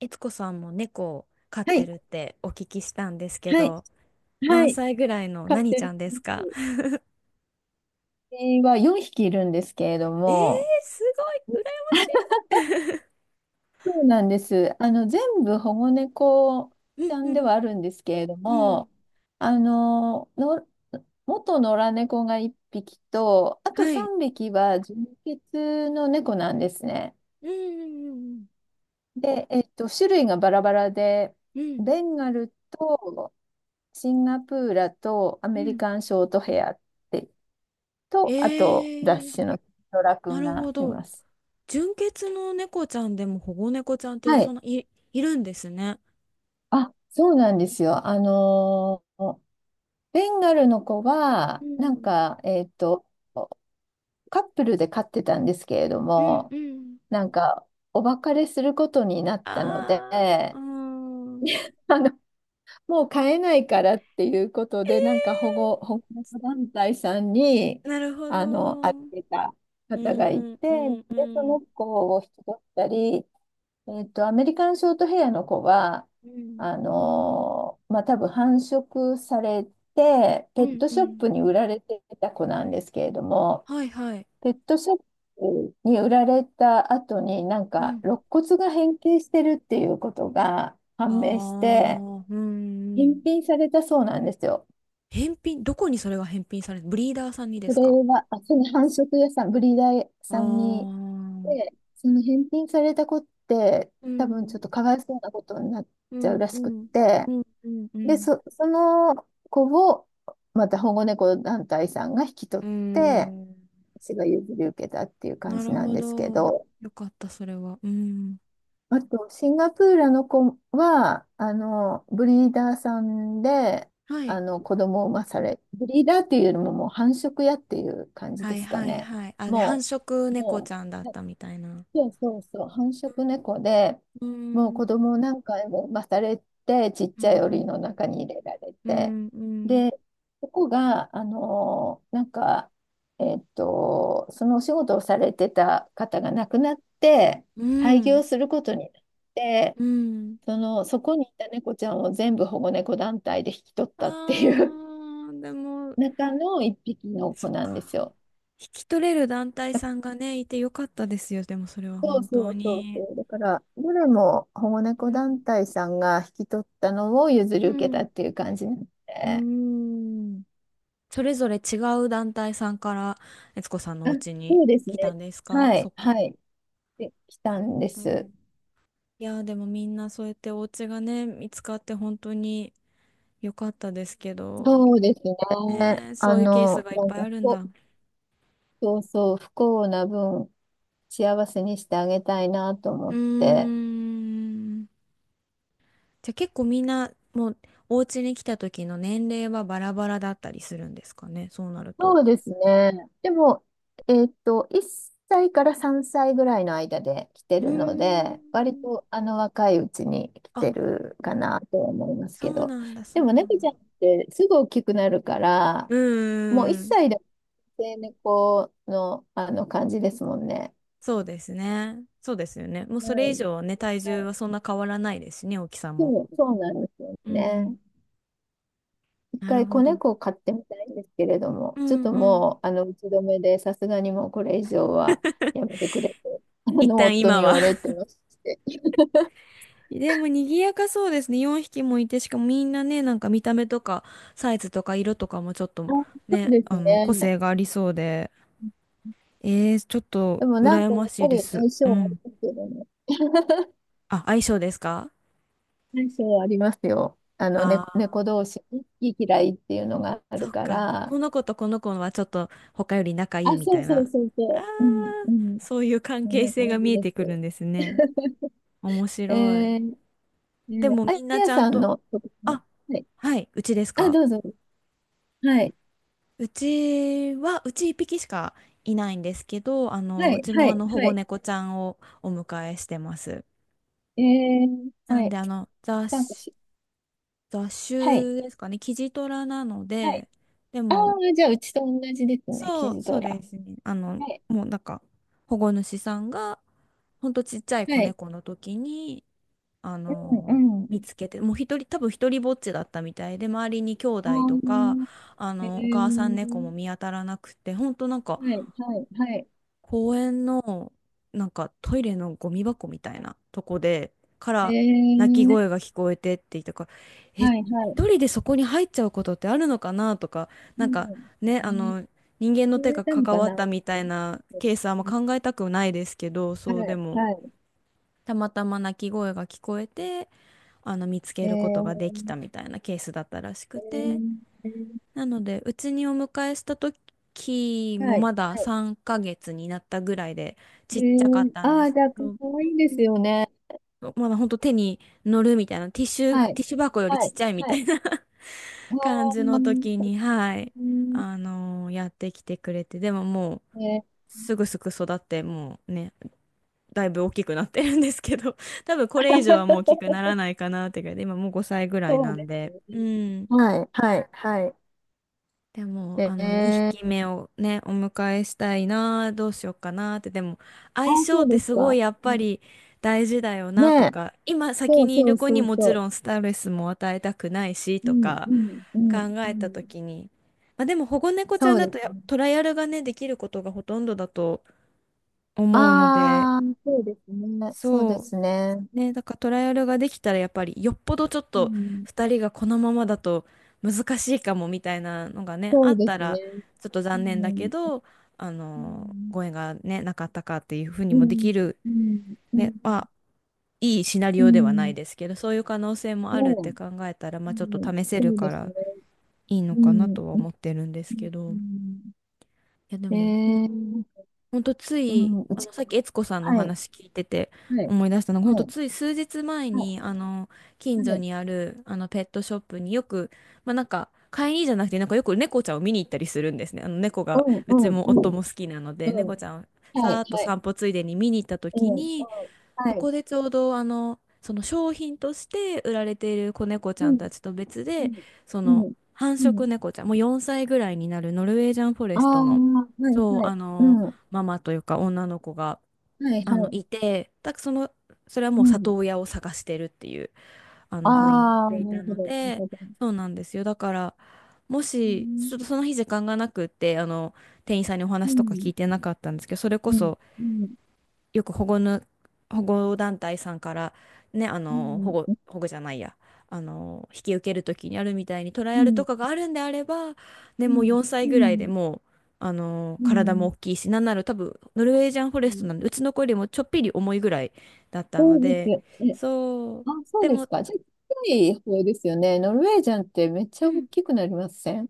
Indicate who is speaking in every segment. Speaker 1: いつこさんも猫を飼っ
Speaker 2: は
Speaker 1: て
Speaker 2: い、
Speaker 1: るってお聞きしたんですけ
Speaker 2: はい、
Speaker 1: ど、
Speaker 2: は
Speaker 1: 何
Speaker 2: い。
Speaker 1: 歳ぐらいの
Speaker 2: 飼っ
Speaker 1: 何
Speaker 2: て
Speaker 1: ちゃ
Speaker 2: る
Speaker 1: んですか？
Speaker 2: 犬は4匹いるんですけれど
Speaker 1: えー、
Speaker 2: も、
Speaker 1: すごい、羨ましい。
Speaker 2: そうなんです。全部保護猫
Speaker 1: う
Speaker 2: ち
Speaker 1: ん
Speaker 2: ゃ
Speaker 1: う
Speaker 2: んで
Speaker 1: ん
Speaker 2: はあるんですけれど
Speaker 1: うん。
Speaker 2: も、あの、の、元野良猫が1匹と、あと
Speaker 1: はい。
Speaker 2: 3匹は純血の猫なんですね。
Speaker 1: うんうん
Speaker 2: で、種類がバラバラで、
Speaker 1: うんうん
Speaker 2: ベンガルとシンガプーラとア
Speaker 1: う
Speaker 2: メリ
Speaker 1: ん。
Speaker 2: カンショートヘアってと、あ
Speaker 1: え
Speaker 2: と、ダッ
Speaker 1: ー、
Speaker 2: シュのトラく
Speaker 1: な
Speaker 2: ん
Speaker 1: るほ
Speaker 2: がい
Speaker 1: ど。
Speaker 2: ます。
Speaker 1: 純血の猫ちゃんでも保護猫ちゃんって
Speaker 2: は
Speaker 1: そ
Speaker 2: い。
Speaker 1: んないるんですね。
Speaker 2: あ、そうなんですよ。ベンガルの子
Speaker 1: う
Speaker 2: は、
Speaker 1: ん
Speaker 2: カップルで飼ってたんですけれど
Speaker 1: うん
Speaker 2: も、
Speaker 1: うん。
Speaker 2: なんか、お別れすることになったので、
Speaker 1: あーうーん。
Speaker 2: あの、もう飼えないからっていうことで、保
Speaker 1: え
Speaker 2: 護、保護猫団体さんに、
Speaker 1: ー、なるほど。
Speaker 2: 預
Speaker 1: うん
Speaker 2: けた
Speaker 1: う
Speaker 2: 方がい
Speaker 1: ん
Speaker 2: て、
Speaker 1: うん、う
Speaker 2: で、その
Speaker 1: ん。
Speaker 2: 子を引き取ったり、アメリカンショートヘアの子は、
Speaker 1: うん。
Speaker 2: まあ、多分繁殖されて、
Speaker 1: う
Speaker 2: ペッ
Speaker 1: ん
Speaker 2: ト
Speaker 1: う
Speaker 2: ショッ
Speaker 1: ん。
Speaker 2: プに売られてた子なんですけれども、
Speaker 1: はいはい。
Speaker 2: ペットショップに売られた後に、
Speaker 1: うん。
Speaker 2: 肋骨が変形してるっていうことが
Speaker 1: あ
Speaker 2: 判明して、
Speaker 1: あ、うんうん。
Speaker 2: 返品されたそうなんですよ。
Speaker 1: 返品、どこにそれが返品される、ブリーダーさんにで
Speaker 2: そ
Speaker 1: す
Speaker 2: れ
Speaker 1: か？
Speaker 2: は、あ、その繁殖屋さん、ブリーダー
Speaker 1: ああ
Speaker 2: さんに、
Speaker 1: ー、
Speaker 2: で、その返品された子って、
Speaker 1: う
Speaker 2: 多分ち
Speaker 1: ん。
Speaker 2: ょっとかわいそうなことになっ
Speaker 1: う
Speaker 2: ちゃう
Speaker 1: ん
Speaker 2: ら
Speaker 1: う
Speaker 2: しくっ
Speaker 1: ん。う
Speaker 2: て、
Speaker 1: んうんう
Speaker 2: で、
Speaker 1: ん。
Speaker 2: その子を、また保護猫団体さんが引き取
Speaker 1: う
Speaker 2: って、
Speaker 1: ん。
Speaker 2: 私が譲り受けたっていう感
Speaker 1: な
Speaker 2: じ
Speaker 1: る
Speaker 2: なん
Speaker 1: ほ
Speaker 2: ですけ
Speaker 1: ど。
Speaker 2: ど、
Speaker 1: よかった、それは。うん。
Speaker 2: あと、シンガプールの子は、ブリーダーさんで、
Speaker 1: はい。
Speaker 2: 子供を産まされ、ブリーダーっていうよりももう繁殖屋っていう感じ
Speaker 1: は
Speaker 2: で
Speaker 1: い
Speaker 2: すか
Speaker 1: はい
Speaker 2: ね。
Speaker 1: はい。あ、で、繁
Speaker 2: も
Speaker 1: 殖
Speaker 2: う、
Speaker 1: 猫
Speaker 2: も
Speaker 1: ち
Speaker 2: う、
Speaker 1: ゃんだったみたいな。
Speaker 2: そうそうそう、繁殖猫で、
Speaker 1: う
Speaker 2: もう子
Speaker 1: ん。
Speaker 2: 供を何回も産まされて、ちっ
Speaker 1: う
Speaker 2: ちゃい檻の
Speaker 1: ん。
Speaker 2: 中に入れられ
Speaker 1: う
Speaker 2: て、
Speaker 1: んうん。
Speaker 2: で、ここが、そのお仕事をされてた方が亡くなって、
Speaker 1: う
Speaker 2: 廃
Speaker 1: ん。
Speaker 2: 業することになって、
Speaker 1: うん。
Speaker 2: そこにいた猫ちゃんを全部保護猫団体で引き取ったってい
Speaker 1: あ
Speaker 2: う
Speaker 1: ー、でも、
Speaker 2: 中の一匹の
Speaker 1: そ
Speaker 2: 子
Speaker 1: っ
Speaker 2: なん
Speaker 1: か。
Speaker 2: ですよ。
Speaker 1: 引き取れる団体さんがね、いてよかったですよ、でもそれは
Speaker 2: そう
Speaker 1: 本
Speaker 2: そ
Speaker 1: 当
Speaker 2: うそう
Speaker 1: に。
Speaker 2: そう。だから、どれも保護
Speaker 1: う
Speaker 2: 猫
Speaker 1: ん。
Speaker 2: 団体さんが引き取ったのを譲り
Speaker 1: う
Speaker 2: 受けた
Speaker 1: ん。
Speaker 2: っていう感じなの
Speaker 1: う
Speaker 2: で。
Speaker 1: ーん。それぞれ違う団体さんから、悦子さんの
Speaker 2: あ、
Speaker 1: お家に
Speaker 2: そうです
Speaker 1: 来た
Speaker 2: ね。
Speaker 1: んですか？
Speaker 2: は
Speaker 1: そ
Speaker 2: い、
Speaker 1: っか。
Speaker 2: はい。で、来
Speaker 1: な
Speaker 2: た
Speaker 1: る
Speaker 2: ん
Speaker 1: ほ
Speaker 2: です。
Speaker 1: ど。いやー、でもみんなそうやってお家がね、見つかって本当に良かったですけど、
Speaker 2: そうですね。
Speaker 1: ねー、
Speaker 2: あ
Speaker 1: そういうケース
Speaker 2: の、
Speaker 1: がいっ
Speaker 2: なん
Speaker 1: ぱい
Speaker 2: か
Speaker 1: あるん
Speaker 2: こ
Speaker 1: だ。
Speaker 2: う、そうそう、不幸な分、幸せにしてあげたいなと思
Speaker 1: うー
Speaker 2: って、
Speaker 1: ん。じゃあ結構みんなもうお家に来た時の年齢はバラバラだったりするんですかね、そうなると。
Speaker 2: そうですね。でも、1歳から3歳ぐらいの間で来て
Speaker 1: うー
Speaker 2: るので、割
Speaker 1: ん。
Speaker 2: と若いうちに来
Speaker 1: あ、
Speaker 2: てるかなとは思います
Speaker 1: そ
Speaker 2: け
Speaker 1: う
Speaker 2: ど、
Speaker 1: なんだ、そ
Speaker 2: で
Speaker 1: う
Speaker 2: も
Speaker 1: な
Speaker 2: 猫
Speaker 1: ん
Speaker 2: ち
Speaker 1: だ。
Speaker 2: ゃんってすぐ大きくなるから、
Speaker 1: う
Speaker 2: もう1
Speaker 1: ーん、
Speaker 2: 歳で成猫の、あの感じですもんね。
Speaker 1: そうですね。そうですよね。もう
Speaker 2: は
Speaker 1: それ以
Speaker 2: い。
Speaker 1: 上はね、体
Speaker 2: は
Speaker 1: 重は
Speaker 2: い。
Speaker 1: そんな変わらないですしね、大きさも。
Speaker 2: そう、そうなんですよ
Speaker 1: うんう
Speaker 2: ね。
Speaker 1: ん。
Speaker 2: 一
Speaker 1: なる
Speaker 2: 回
Speaker 1: ほ
Speaker 2: 子
Speaker 1: ど。
Speaker 2: 猫を飼ってみたいんですけれども、
Speaker 1: う
Speaker 2: ちょっ
Speaker 1: ん
Speaker 2: と
Speaker 1: うん。
Speaker 2: もう、打ち止めで、さすがにもうこれ以上はやめてくれと、
Speaker 1: 一旦
Speaker 2: 夫
Speaker 1: 今
Speaker 2: に言
Speaker 1: は。
Speaker 2: われて まして。
Speaker 1: でも賑やかそうですね。4匹もいて、しかもみんなね、なんか見た目とかサイズとか色とかもちょっと
Speaker 2: あ、そう
Speaker 1: ね、
Speaker 2: です
Speaker 1: あの、個
Speaker 2: ね。
Speaker 1: 性がありそうで。えー、ちょっと
Speaker 2: でも
Speaker 1: 羨
Speaker 2: やっ
Speaker 1: まし
Speaker 2: ぱ
Speaker 1: いで
Speaker 2: り
Speaker 1: す。
Speaker 2: 相性
Speaker 1: う
Speaker 2: はある
Speaker 1: ん。
Speaker 2: けどもね。
Speaker 1: あ、相性ですか？
Speaker 2: 相性はありますよ。猫
Speaker 1: ああ
Speaker 2: 猫同士ね、好き嫌いっていうのが
Speaker 1: ー、
Speaker 2: あ
Speaker 1: そ
Speaker 2: る
Speaker 1: う
Speaker 2: か
Speaker 1: か。
Speaker 2: ら。
Speaker 1: この子とこの子はちょっと他より仲いい
Speaker 2: あ、
Speaker 1: み
Speaker 2: そ
Speaker 1: た
Speaker 2: う
Speaker 1: い
Speaker 2: そう
Speaker 1: な。
Speaker 2: そう
Speaker 1: あ
Speaker 2: そう。うん、
Speaker 1: ー、
Speaker 2: うん。
Speaker 1: そういう関
Speaker 2: そん
Speaker 1: 係
Speaker 2: な
Speaker 1: 性が
Speaker 2: 感じ
Speaker 1: 見え
Speaker 2: で
Speaker 1: てくる
Speaker 2: す。
Speaker 1: んですね。面
Speaker 2: え
Speaker 1: 白い。
Speaker 2: ー、
Speaker 1: でも
Speaker 2: あ
Speaker 1: みんなち
Speaker 2: や
Speaker 1: ゃん
Speaker 2: さん
Speaker 1: と、
Speaker 2: のところの、
Speaker 1: あ、
Speaker 2: はい。
Speaker 1: はい、うちです
Speaker 2: あ、
Speaker 1: か？
Speaker 2: どうぞ。はい。
Speaker 1: うちは、うち一匹しかいないんですけど、あの、
Speaker 2: は
Speaker 1: う
Speaker 2: い、
Speaker 1: ち
Speaker 2: は
Speaker 1: もあ
Speaker 2: い、
Speaker 1: の保
Speaker 2: は
Speaker 1: 護
Speaker 2: い。
Speaker 1: 猫ちゃんをお迎えしてます。
Speaker 2: え
Speaker 1: な
Speaker 2: は
Speaker 1: ん
Speaker 2: い。
Speaker 1: であの、
Speaker 2: なんか
Speaker 1: 雑種、
Speaker 2: し、
Speaker 1: 雑
Speaker 2: はい、
Speaker 1: 種ですかね、キジトラなの
Speaker 2: はい。
Speaker 1: で、で
Speaker 2: ああ、
Speaker 1: も、
Speaker 2: じゃあ、うちと同じですね、
Speaker 1: そ
Speaker 2: キ
Speaker 1: う、
Speaker 2: ジ
Speaker 1: そ
Speaker 2: ド
Speaker 1: う
Speaker 2: ラ。
Speaker 1: ですね。あの、
Speaker 2: はい、
Speaker 1: もうなんか、保護主さんが、ほんとちっちゃい
Speaker 2: は
Speaker 1: 子
Speaker 2: い。
Speaker 1: 猫の時に、あ
Speaker 2: う
Speaker 1: の、
Speaker 2: ん、
Speaker 1: 見つけて、もう一人、多分一人ぼっちだったみたいで、周りに兄
Speaker 2: う
Speaker 1: 弟とか、
Speaker 2: ん。ああ、
Speaker 1: あ
Speaker 2: え
Speaker 1: の、お母さん猫
Speaker 2: ー、
Speaker 1: も見当たらなくて、ほんとなんか、
Speaker 2: はい、はい、はい。
Speaker 1: 公園のなんかトイレのゴミ箱みたいなとこでか
Speaker 2: え
Speaker 1: ら泣き声
Speaker 2: ー、
Speaker 1: が聞こえてって言ったから、え、一
Speaker 2: はい、はい。
Speaker 1: 人でそこに入っちゃうことってあるのかなとか、
Speaker 2: う
Speaker 1: なんか
Speaker 2: ん。
Speaker 1: ね、あ
Speaker 2: 何
Speaker 1: の、人間の
Speaker 2: 言
Speaker 1: 手
Speaker 2: われ
Speaker 1: が
Speaker 2: たの
Speaker 1: 関
Speaker 2: か
Speaker 1: わっ
Speaker 2: な、
Speaker 1: たみ
Speaker 2: う
Speaker 1: たい
Speaker 2: ん、
Speaker 1: なケースはあんま考えたくないですけど、
Speaker 2: は
Speaker 1: そう、で
Speaker 2: い、
Speaker 1: も
Speaker 2: はい。
Speaker 1: たまたま泣き声が聞こえて、あの、見つ
Speaker 2: え
Speaker 1: けることがで
Speaker 2: ー、
Speaker 1: きたみたいなケースだったらしくて、
Speaker 2: えー、
Speaker 1: なので、うちにお迎えした時
Speaker 2: は
Speaker 1: も
Speaker 2: い、
Speaker 1: まだ
Speaker 2: はい。
Speaker 1: 3ヶ月になったぐらいでちっちゃかったん
Speaker 2: あ
Speaker 1: で
Speaker 2: あ、
Speaker 1: す
Speaker 2: じゃあ、
Speaker 1: け
Speaker 2: か
Speaker 1: ど、
Speaker 2: わいい
Speaker 1: う
Speaker 2: です
Speaker 1: ん、
Speaker 2: よね。
Speaker 1: まだほんと手に乗るみたいな、ティッシュ、
Speaker 2: はい、
Speaker 1: ティッシュ箱より
Speaker 2: は
Speaker 1: ちっ
Speaker 2: い、
Speaker 1: ちゃいみ
Speaker 2: は
Speaker 1: た
Speaker 2: い。
Speaker 1: いな 感
Speaker 2: ああ、
Speaker 1: じの時
Speaker 2: う
Speaker 1: に、はい、
Speaker 2: ん、
Speaker 1: あの、やってきてくれて、でももう、
Speaker 2: ね。
Speaker 1: すぐすぐ育って、もうね、だいぶ大きくなってるんですけど、多分これ以上はもう大きくなら ないかなってぐらいで、今もう5歳ぐらい
Speaker 2: そ
Speaker 1: な
Speaker 2: う
Speaker 1: ん
Speaker 2: です
Speaker 1: で、う
Speaker 2: ね。
Speaker 1: ん。
Speaker 2: はい、はい、はい。
Speaker 1: でも、
Speaker 2: え
Speaker 1: あの、2
Speaker 2: ー、
Speaker 1: 匹目をね、お迎えしたいな、どうしようかなって、でも、
Speaker 2: あ、
Speaker 1: 相性
Speaker 2: そ
Speaker 1: っ
Speaker 2: う
Speaker 1: て
Speaker 2: です
Speaker 1: すごい
Speaker 2: か。
Speaker 1: やっぱ
Speaker 2: ね
Speaker 1: り大事だよ
Speaker 2: ね
Speaker 1: なと
Speaker 2: え、
Speaker 1: か、今
Speaker 2: そ
Speaker 1: 先
Speaker 2: う
Speaker 1: にい
Speaker 2: そ
Speaker 1: る
Speaker 2: う
Speaker 1: 子
Speaker 2: そ
Speaker 1: に
Speaker 2: う
Speaker 1: もち
Speaker 2: そ
Speaker 1: ろんストレスも与えたくないし
Speaker 2: う。う
Speaker 1: と
Speaker 2: ん、
Speaker 1: か
Speaker 2: うん、う
Speaker 1: 考
Speaker 2: ん、う
Speaker 1: えた
Speaker 2: ん。
Speaker 1: 時に、まあでも保護猫ち
Speaker 2: そ
Speaker 1: ゃん
Speaker 2: う
Speaker 1: だ
Speaker 2: で
Speaker 1: と
Speaker 2: す
Speaker 1: や
Speaker 2: ね。
Speaker 1: トライアルがね、できることがほとんどだと思うので、
Speaker 2: ああ、そうですね。そう
Speaker 1: そ
Speaker 2: ですね。
Speaker 1: う。ね、だからトライアルができたらやっぱりよっぽどちょっ
Speaker 2: う
Speaker 1: と
Speaker 2: ん、
Speaker 1: 2人がこのままだと難しいかもみたいなのがね、
Speaker 2: そ
Speaker 1: あ
Speaker 2: う
Speaker 1: っ
Speaker 2: で
Speaker 1: た
Speaker 2: すね。
Speaker 1: らちょっと
Speaker 2: う
Speaker 1: 残念だけ
Speaker 2: ん、
Speaker 1: ど、あ
Speaker 2: う
Speaker 1: の、
Speaker 2: ん、
Speaker 1: ご縁がね、なかったかっていうふうに
Speaker 2: う
Speaker 1: もでき
Speaker 2: ん、
Speaker 1: る、
Speaker 2: うん、うん、
Speaker 1: ね、まあ、いいシナリ
Speaker 2: う
Speaker 1: オではな
Speaker 2: ん、
Speaker 1: いですけど、そういう可能性も
Speaker 2: ね
Speaker 1: あるって考
Speaker 2: え、
Speaker 1: えたら、
Speaker 2: う
Speaker 1: まあちょっと
Speaker 2: ん、
Speaker 1: 試せる
Speaker 2: そう
Speaker 1: か
Speaker 2: です
Speaker 1: ら
Speaker 2: ね。
Speaker 1: いいの
Speaker 2: う
Speaker 1: かな
Speaker 2: ん、
Speaker 1: とは
Speaker 2: うん、
Speaker 1: 思ってるんですけ
Speaker 2: う
Speaker 1: ど、い
Speaker 2: ん、
Speaker 1: やで
Speaker 2: え
Speaker 1: も、うん、
Speaker 2: ー、
Speaker 1: ほんとつ
Speaker 2: う
Speaker 1: い、
Speaker 2: ん、
Speaker 1: あの、さっき悦子さんのお
Speaker 2: はい。
Speaker 1: 話聞いてて
Speaker 2: はい。
Speaker 1: 思い出したのが、ほん
Speaker 2: は
Speaker 1: と
Speaker 2: い。
Speaker 1: つい数日前
Speaker 2: は
Speaker 1: に、あの、近
Speaker 2: い。は
Speaker 1: 所
Speaker 2: い。
Speaker 1: にある、あの、ペットショップによく、まあ、なんか、飼いにじゃなくて、なんかよく猫ちゃんを見に行ったりするんですね。あの、猫
Speaker 2: う
Speaker 1: が、
Speaker 2: ん、
Speaker 1: う
Speaker 2: う
Speaker 1: ち
Speaker 2: ん、
Speaker 1: も
Speaker 2: う
Speaker 1: 夫
Speaker 2: ん。
Speaker 1: も好きなので、
Speaker 2: うん。
Speaker 1: 猫ちゃんを
Speaker 2: は
Speaker 1: さー
Speaker 2: い。
Speaker 1: っと
Speaker 2: はい。
Speaker 1: 散歩ついでに見に行った
Speaker 2: う
Speaker 1: 時
Speaker 2: ん、うん。
Speaker 1: に、
Speaker 2: は
Speaker 1: そ
Speaker 2: い。
Speaker 1: こでちょうどあのその商品として売られている子猫ち
Speaker 2: う
Speaker 1: ゃんた
Speaker 2: ん。
Speaker 1: ちと別
Speaker 2: う
Speaker 1: で、
Speaker 2: ん。
Speaker 1: そ
Speaker 2: う
Speaker 1: の
Speaker 2: ん。
Speaker 1: 繁
Speaker 2: う
Speaker 1: 殖
Speaker 2: ん。
Speaker 1: 猫ちゃん、もう4歳ぐらいになるノルウェージャンフォレ
Speaker 2: ああ、
Speaker 1: ストの、
Speaker 2: はい、
Speaker 1: そう、
Speaker 2: は
Speaker 1: あ
Speaker 2: い。う
Speaker 1: の、
Speaker 2: ん。
Speaker 1: ママというか女の子が、
Speaker 2: はい、
Speaker 1: あの、
Speaker 2: はい。
Speaker 1: いて、だ、その、それは
Speaker 2: う
Speaker 1: もう
Speaker 2: ん。
Speaker 1: 里親を探してるっていう、あの、風になっ
Speaker 2: ああ、な
Speaker 1: ていた
Speaker 2: るほ
Speaker 1: の
Speaker 2: ど、なる
Speaker 1: で、
Speaker 2: ほど。
Speaker 1: そうなんですよ。だから、も
Speaker 2: う
Speaker 1: し
Speaker 2: ん。
Speaker 1: ちょっとその日時間がなくって、あの、店員さんにお
Speaker 2: う
Speaker 1: 話とか聞
Speaker 2: ん。
Speaker 1: いてなかったんですけど、それ
Speaker 2: う
Speaker 1: こ
Speaker 2: ん。
Speaker 1: そ
Speaker 2: うん。
Speaker 1: よく保護の、保護団体さんからね、あ
Speaker 2: う
Speaker 1: の、保
Speaker 2: ん。
Speaker 1: 護、
Speaker 2: うん。
Speaker 1: 保護じゃないや、あの、引き受けるときにあるみたいにトライ
Speaker 2: う
Speaker 1: アルと
Speaker 2: ん。
Speaker 1: かがあるんであれば、ね、もう4歳ぐらいでもう、あの、
Speaker 2: う
Speaker 1: 体も
Speaker 2: ん。
Speaker 1: 大きいし、なんなら多分、ノルウェージャンフォ
Speaker 2: う
Speaker 1: レスト
Speaker 2: ん。
Speaker 1: なんで、うちの子よりもちょっぴり重いぐらいだった
Speaker 2: そ
Speaker 1: の
Speaker 2: うです
Speaker 1: で、
Speaker 2: よ。え、
Speaker 1: そう、
Speaker 2: あ、そう
Speaker 1: で
Speaker 2: です
Speaker 1: も、
Speaker 2: か。じゃあ、近い方ですよね。ノルウェージャンってめっち
Speaker 1: う
Speaker 2: ゃ大
Speaker 1: ん、
Speaker 2: きくなりません？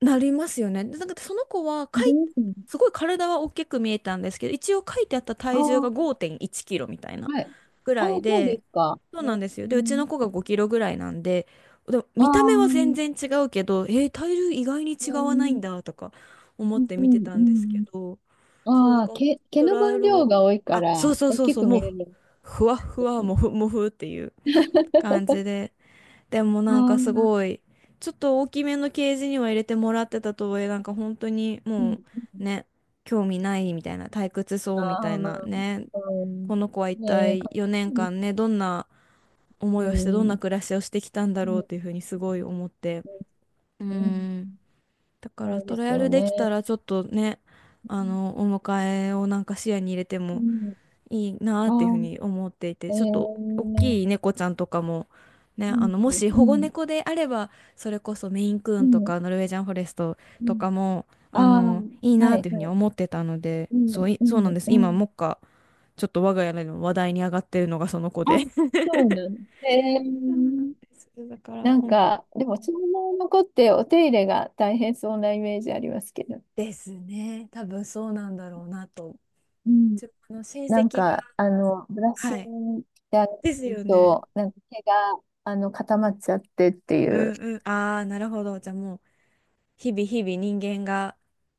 Speaker 1: なりますよね。でなんかその子はか
Speaker 2: なり
Speaker 1: い、
Speaker 2: ますね。
Speaker 1: すごい体は大きく見えたんですけど、一応書いてあった
Speaker 2: あ
Speaker 1: 体重が
Speaker 2: あ、
Speaker 1: 5.1キロみたいな
Speaker 2: はい。
Speaker 1: ぐ
Speaker 2: ああ、
Speaker 1: らい
Speaker 2: そうで
Speaker 1: で、
Speaker 2: すか。
Speaker 1: そうなんですよ。
Speaker 2: う
Speaker 1: で、うち
Speaker 2: ん、
Speaker 1: の子が5キロぐらいなんで、でも
Speaker 2: ああ、
Speaker 1: 見た
Speaker 2: う
Speaker 1: 目は全
Speaker 2: ん、
Speaker 1: 然違うけど、えー、体重意外に違
Speaker 2: う
Speaker 1: わないん
Speaker 2: ん、
Speaker 1: だとか思って
Speaker 2: う
Speaker 1: 見て
Speaker 2: ん、
Speaker 1: た
Speaker 2: う
Speaker 1: んですけ
Speaker 2: ん、
Speaker 1: ど、そう、なん
Speaker 2: ああ、
Speaker 1: か
Speaker 2: 毛
Speaker 1: ト
Speaker 2: の
Speaker 1: ライア
Speaker 2: 分
Speaker 1: ル
Speaker 2: 量
Speaker 1: が、
Speaker 2: が多いか
Speaker 1: あ、そう
Speaker 2: ら、
Speaker 1: そう
Speaker 2: 大
Speaker 1: そう
Speaker 2: き
Speaker 1: そう、
Speaker 2: く
Speaker 1: も
Speaker 2: 見
Speaker 1: う、
Speaker 2: えるんで
Speaker 1: ふわっふ
Speaker 2: す
Speaker 1: わ、
Speaker 2: ね。
Speaker 1: もふもふっていう感じで。でも
Speaker 2: ああ、
Speaker 1: なんか
Speaker 2: う
Speaker 1: す
Speaker 2: ん。
Speaker 1: ごい、ちょっと大きめのケージには入れてもらってたとはいえ、なんか本当にもうね、興味ないみたいな、退屈そ
Speaker 2: あ
Speaker 1: うみ
Speaker 2: あ、
Speaker 1: たいなね、
Speaker 2: うん。
Speaker 1: この子は一
Speaker 2: ねえ、
Speaker 1: 体
Speaker 2: かわ
Speaker 1: 4
Speaker 2: い
Speaker 1: 年
Speaker 2: いで
Speaker 1: 間ね、
Speaker 2: す。
Speaker 1: どんな
Speaker 2: う
Speaker 1: 思いをして、どんな
Speaker 2: ん、
Speaker 1: 暮らしをしてきたんだ
Speaker 2: う
Speaker 1: ろうっ
Speaker 2: ん、
Speaker 1: ていうふうにすごい思って。うー
Speaker 2: うん。
Speaker 1: ん。だから
Speaker 2: そう
Speaker 1: ト
Speaker 2: で
Speaker 1: ライ
Speaker 2: す
Speaker 1: ア
Speaker 2: よ
Speaker 1: ルできた
Speaker 2: ね。
Speaker 1: らちょっとね、あの、お迎えをなんか視野に入れて
Speaker 2: う
Speaker 1: も
Speaker 2: ん。
Speaker 1: いいなっていうふうに
Speaker 2: あ
Speaker 1: 思ってい
Speaker 2: あ、
Speaker 1: て、
Speaker 2: え
Speaker 1: ちょっ
Speaker 2: え、
Speaker 1: と
Speaker 2: う
Speaker 1: 大
Speaker 2: ん、
Speaker 1: きい猫ちゃんとかも、
Speaker 2: う
Speaker 1: ね、あ
Speaker 2: ん、
Speaker 1: の、もし保護猫であれば、それこそメインクー
Speaker 2: う
Speaker 1: ンと
Speaker 2: ん、
Speaker 1: かノルウェージャンフォレスト
Speaker 2: う
Speaker 1: と
Speaker 2: ん。
Speaker 1: かも、
Speaker 2: あ
Speaker 1: あ
Speaker 2: あ、
Speaker 1: の、いい
Speaker 2: は
Speaker 1: なっ
Speaker 2: い、
Speaker 1: ていうふう
Speaker 2: は
Speaker 1: に
Speaker 2: い。
Speaker 1: 思ってたので、
Speaker 2: う
Speaker 1: そ
Speaker 2: ん、
Speaker 1: うい、
Speaker 2: う
Speaker 1: そうなん
Speaker 2: ん、
Speaker 1: です。
Speaker 2: う
Speaker 1: 今、
Speaker 2: ん。
Speaker 1: もっかちょっと我が家でも話題に上がってるのがその子
Speaker 2: あ、
Speaker 1: で。
Speaker 2: そ うなの。え
Speaker 1: そうなんで
Speaker 2: ー、
Speaker 1: す。だから、うん。
Speaker 2: で
Speaker 1: う
Speaker 2: も、
Speaker 1: ん、
Speaker 2: そのまま残ってお手入れが大変そうなイメージありますけど。
Speaker 1: ですね。多分そうなんだろうなと。
Speaker 2: うん。
Speaker 1: 自分の親戚が。
Speaker 2: ブラッシ
Speaker 1: はい。
Speaker 2: ングであっ
Speaker 1: で
Speaker 2: た
Speaker 1: す
Speaker 2: り
Speaker 1: よね。
Speaker 2: と、毛が、固まっちゃってってい
Speaker 1: う
Speaker 2: う。
Speaker 1: んうん。ああ、なるほど。じゃあもう、日々日々人間が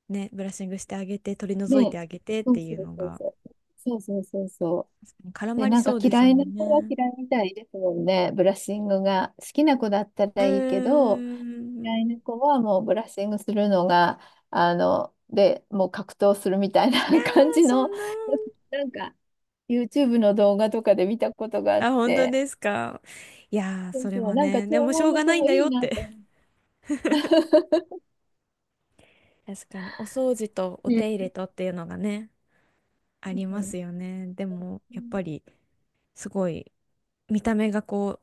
Speaker 1: ね、ブラッシングしてあげて、取り除い
Speaker 2: ね。
Speaker 1: てあげてっ
Speaker 2: そ
Speaker 1: て
Speaker 2: う
Speaker 1: い
Speaker 2: そ
Speaker 1: う
Speaker 2: う
Speaker 1: の
Speaker 2: そう
Speaker 1: が、
Speaker 2: そう。そうそうそうそ
Speaker 1: 絡
Speaker 2: う。で、
Speaker 1: まりそうです
Speaker 2: 嫌い
Speaker 1: も
Speaker 2: な
Speaker 1: ん
Speaker 2: 子は
Speaker 1: ね。
Speaker 2: 嫌いみたいですもんね。ブラッシングが。好きな子だった
Speaker 1: うー
Speaker 2: らいいけど、飼い
Speaker 1: ん。
Speaker 2: 猫はもうブラッシングするのが、で、もう格闘するみたい
Speaker 1: いやー、
Speaker 2: な 感じ
Speaker 1: そ
Speaker 2: の、
Speaker 1: んな。
Speaker 2: なんか YouTube の動画とかで見たことがあっ
Speaker 1: あ、本当
Speaker 2: て、
Speaker 1: ですか。いやー、
Speaker 2: そう
Speaker 1: それ
Speaker 2: そう、
Speaker 1: はね、で
Speaker 2: 長
Speaker 1: もし
Speaker 2: 毛
Speaker 1: ょう
Speaker 2: の
Speaker 1: がな
Speaker 2: 子
Speaker 1: いん
Speaker 2: も
Speaker 1: だ
Speaker 2: い
Speaker 1: よ
Speaker 2: い
Speaker 1: っ
Speaker 2: な
Speaker 1: て。
Speaker 2: と思
Speaker 1: 確かに、お掃除とお
Speaker 2: う
Speaker 1: 手入
Speaker 2: ん。
Speaker 1: れとっていうのがね、ありますよね。でも、やっぱり、すごい、見た目がこ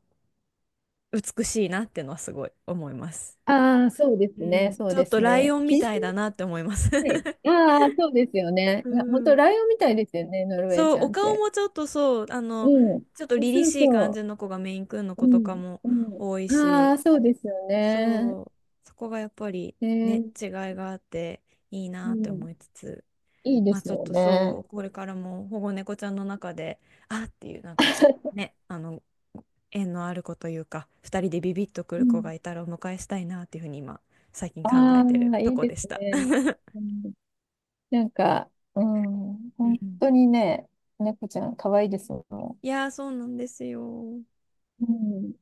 Speaker 1: う、美しいなってのはすごい思います。
Speaker 2: ああー、そうで
Speaker 1: う
Speaker 2: すね、
Speaker 1: ん、
Speaker 2: そう
Speaker 1: ちょ
Speaker 2: で
Speaker 1: っと
Speaker 2: す
Speaker 1: ライ
Speaker 2: ね。
Speaker 1: オン
Speaker 2: キ
Speaker 1: み
Speaker 2: ジ
Speaker 1: た
Speaker 2: さ
Speaker 1: いだなっ
Speaker 2: ん、
Speaker 1: て思います。
Speaker 2: はい。ああ、そうですよね。
Speaker 1: う
Speaker 2: いや、本当
Speaker 1: ん。
Speaker 2: ライオンみたいですよね、ノルウェー
Speaker 1: そ
Speaker 2: ち
Speaker 1: う、
Speaker 2: ゃ
Speaker 1: お
Speaker 2: んっ
Speaker 1: 顔
Speaker 2: て。
Speaker 1: もちょっとそう、あの、
Speaker 2: うん。
Speaker 1: ちょっと
Speaker 2: そ
Speaker 1: 凛々
Speaker 2: う
Speaker 1: しい感じ
Speaker 2: そ
Speaker 1: の子がメイン君の
Speaker 2: う。う
Speaker 1: 子とか
Speaker 2: ん。
Speaker 1: も
Speaker 2: うん。
Speaker 1: 多い
Speaker 2: あ
Speaker 1: し、
Speaker 2: あ、そうですよね。
Speaker 1: そう、そこがやっぱり
Speaker 2: え
Speaker 1: ね、
Speaker 2: ー、
Speaker 1: 違いがあっていい
Speaker 2: う
Speaker 1: なって
Speaker 2: ん。
Speaker 1: 思いつつ、
Speaker 2: いいで
Speaker 1: まあ
Speaker 2: す
Speaker 1: ちょっ
Speaker 2: よ
Speaker 1: と
Speaker 2: ね。
Speaker 1: そう、これからも保護猫ちゃんの中で、あっていうなんか、ね、あの、縁のある子というか、二人でビビッとく
Speaker 2: う
Speaker 1: る子
Speaker 2: ん。
Speaker 1: がいたらお迎えしたいなっていうふうに今、最近考え
Speaker 2: あ
Speaker 1: てる
Speaker 2: あ、い
Speaker 1: と
Speaker 2: い
Speaker 1: こ
Speaker 2: で
Speaker 1: で
Speaker 2: す
Speaker 1: した。
Speaker 2: ね。うん、なんか、うん、
Speaker 1: う
Speaker 2: 本
Speaker 1: ん、
Speaker 2: 当にね、猫ちゃん可愛いですもん。
Speaker 1: いやー、そうなんですよ。
Speaker 2: うん。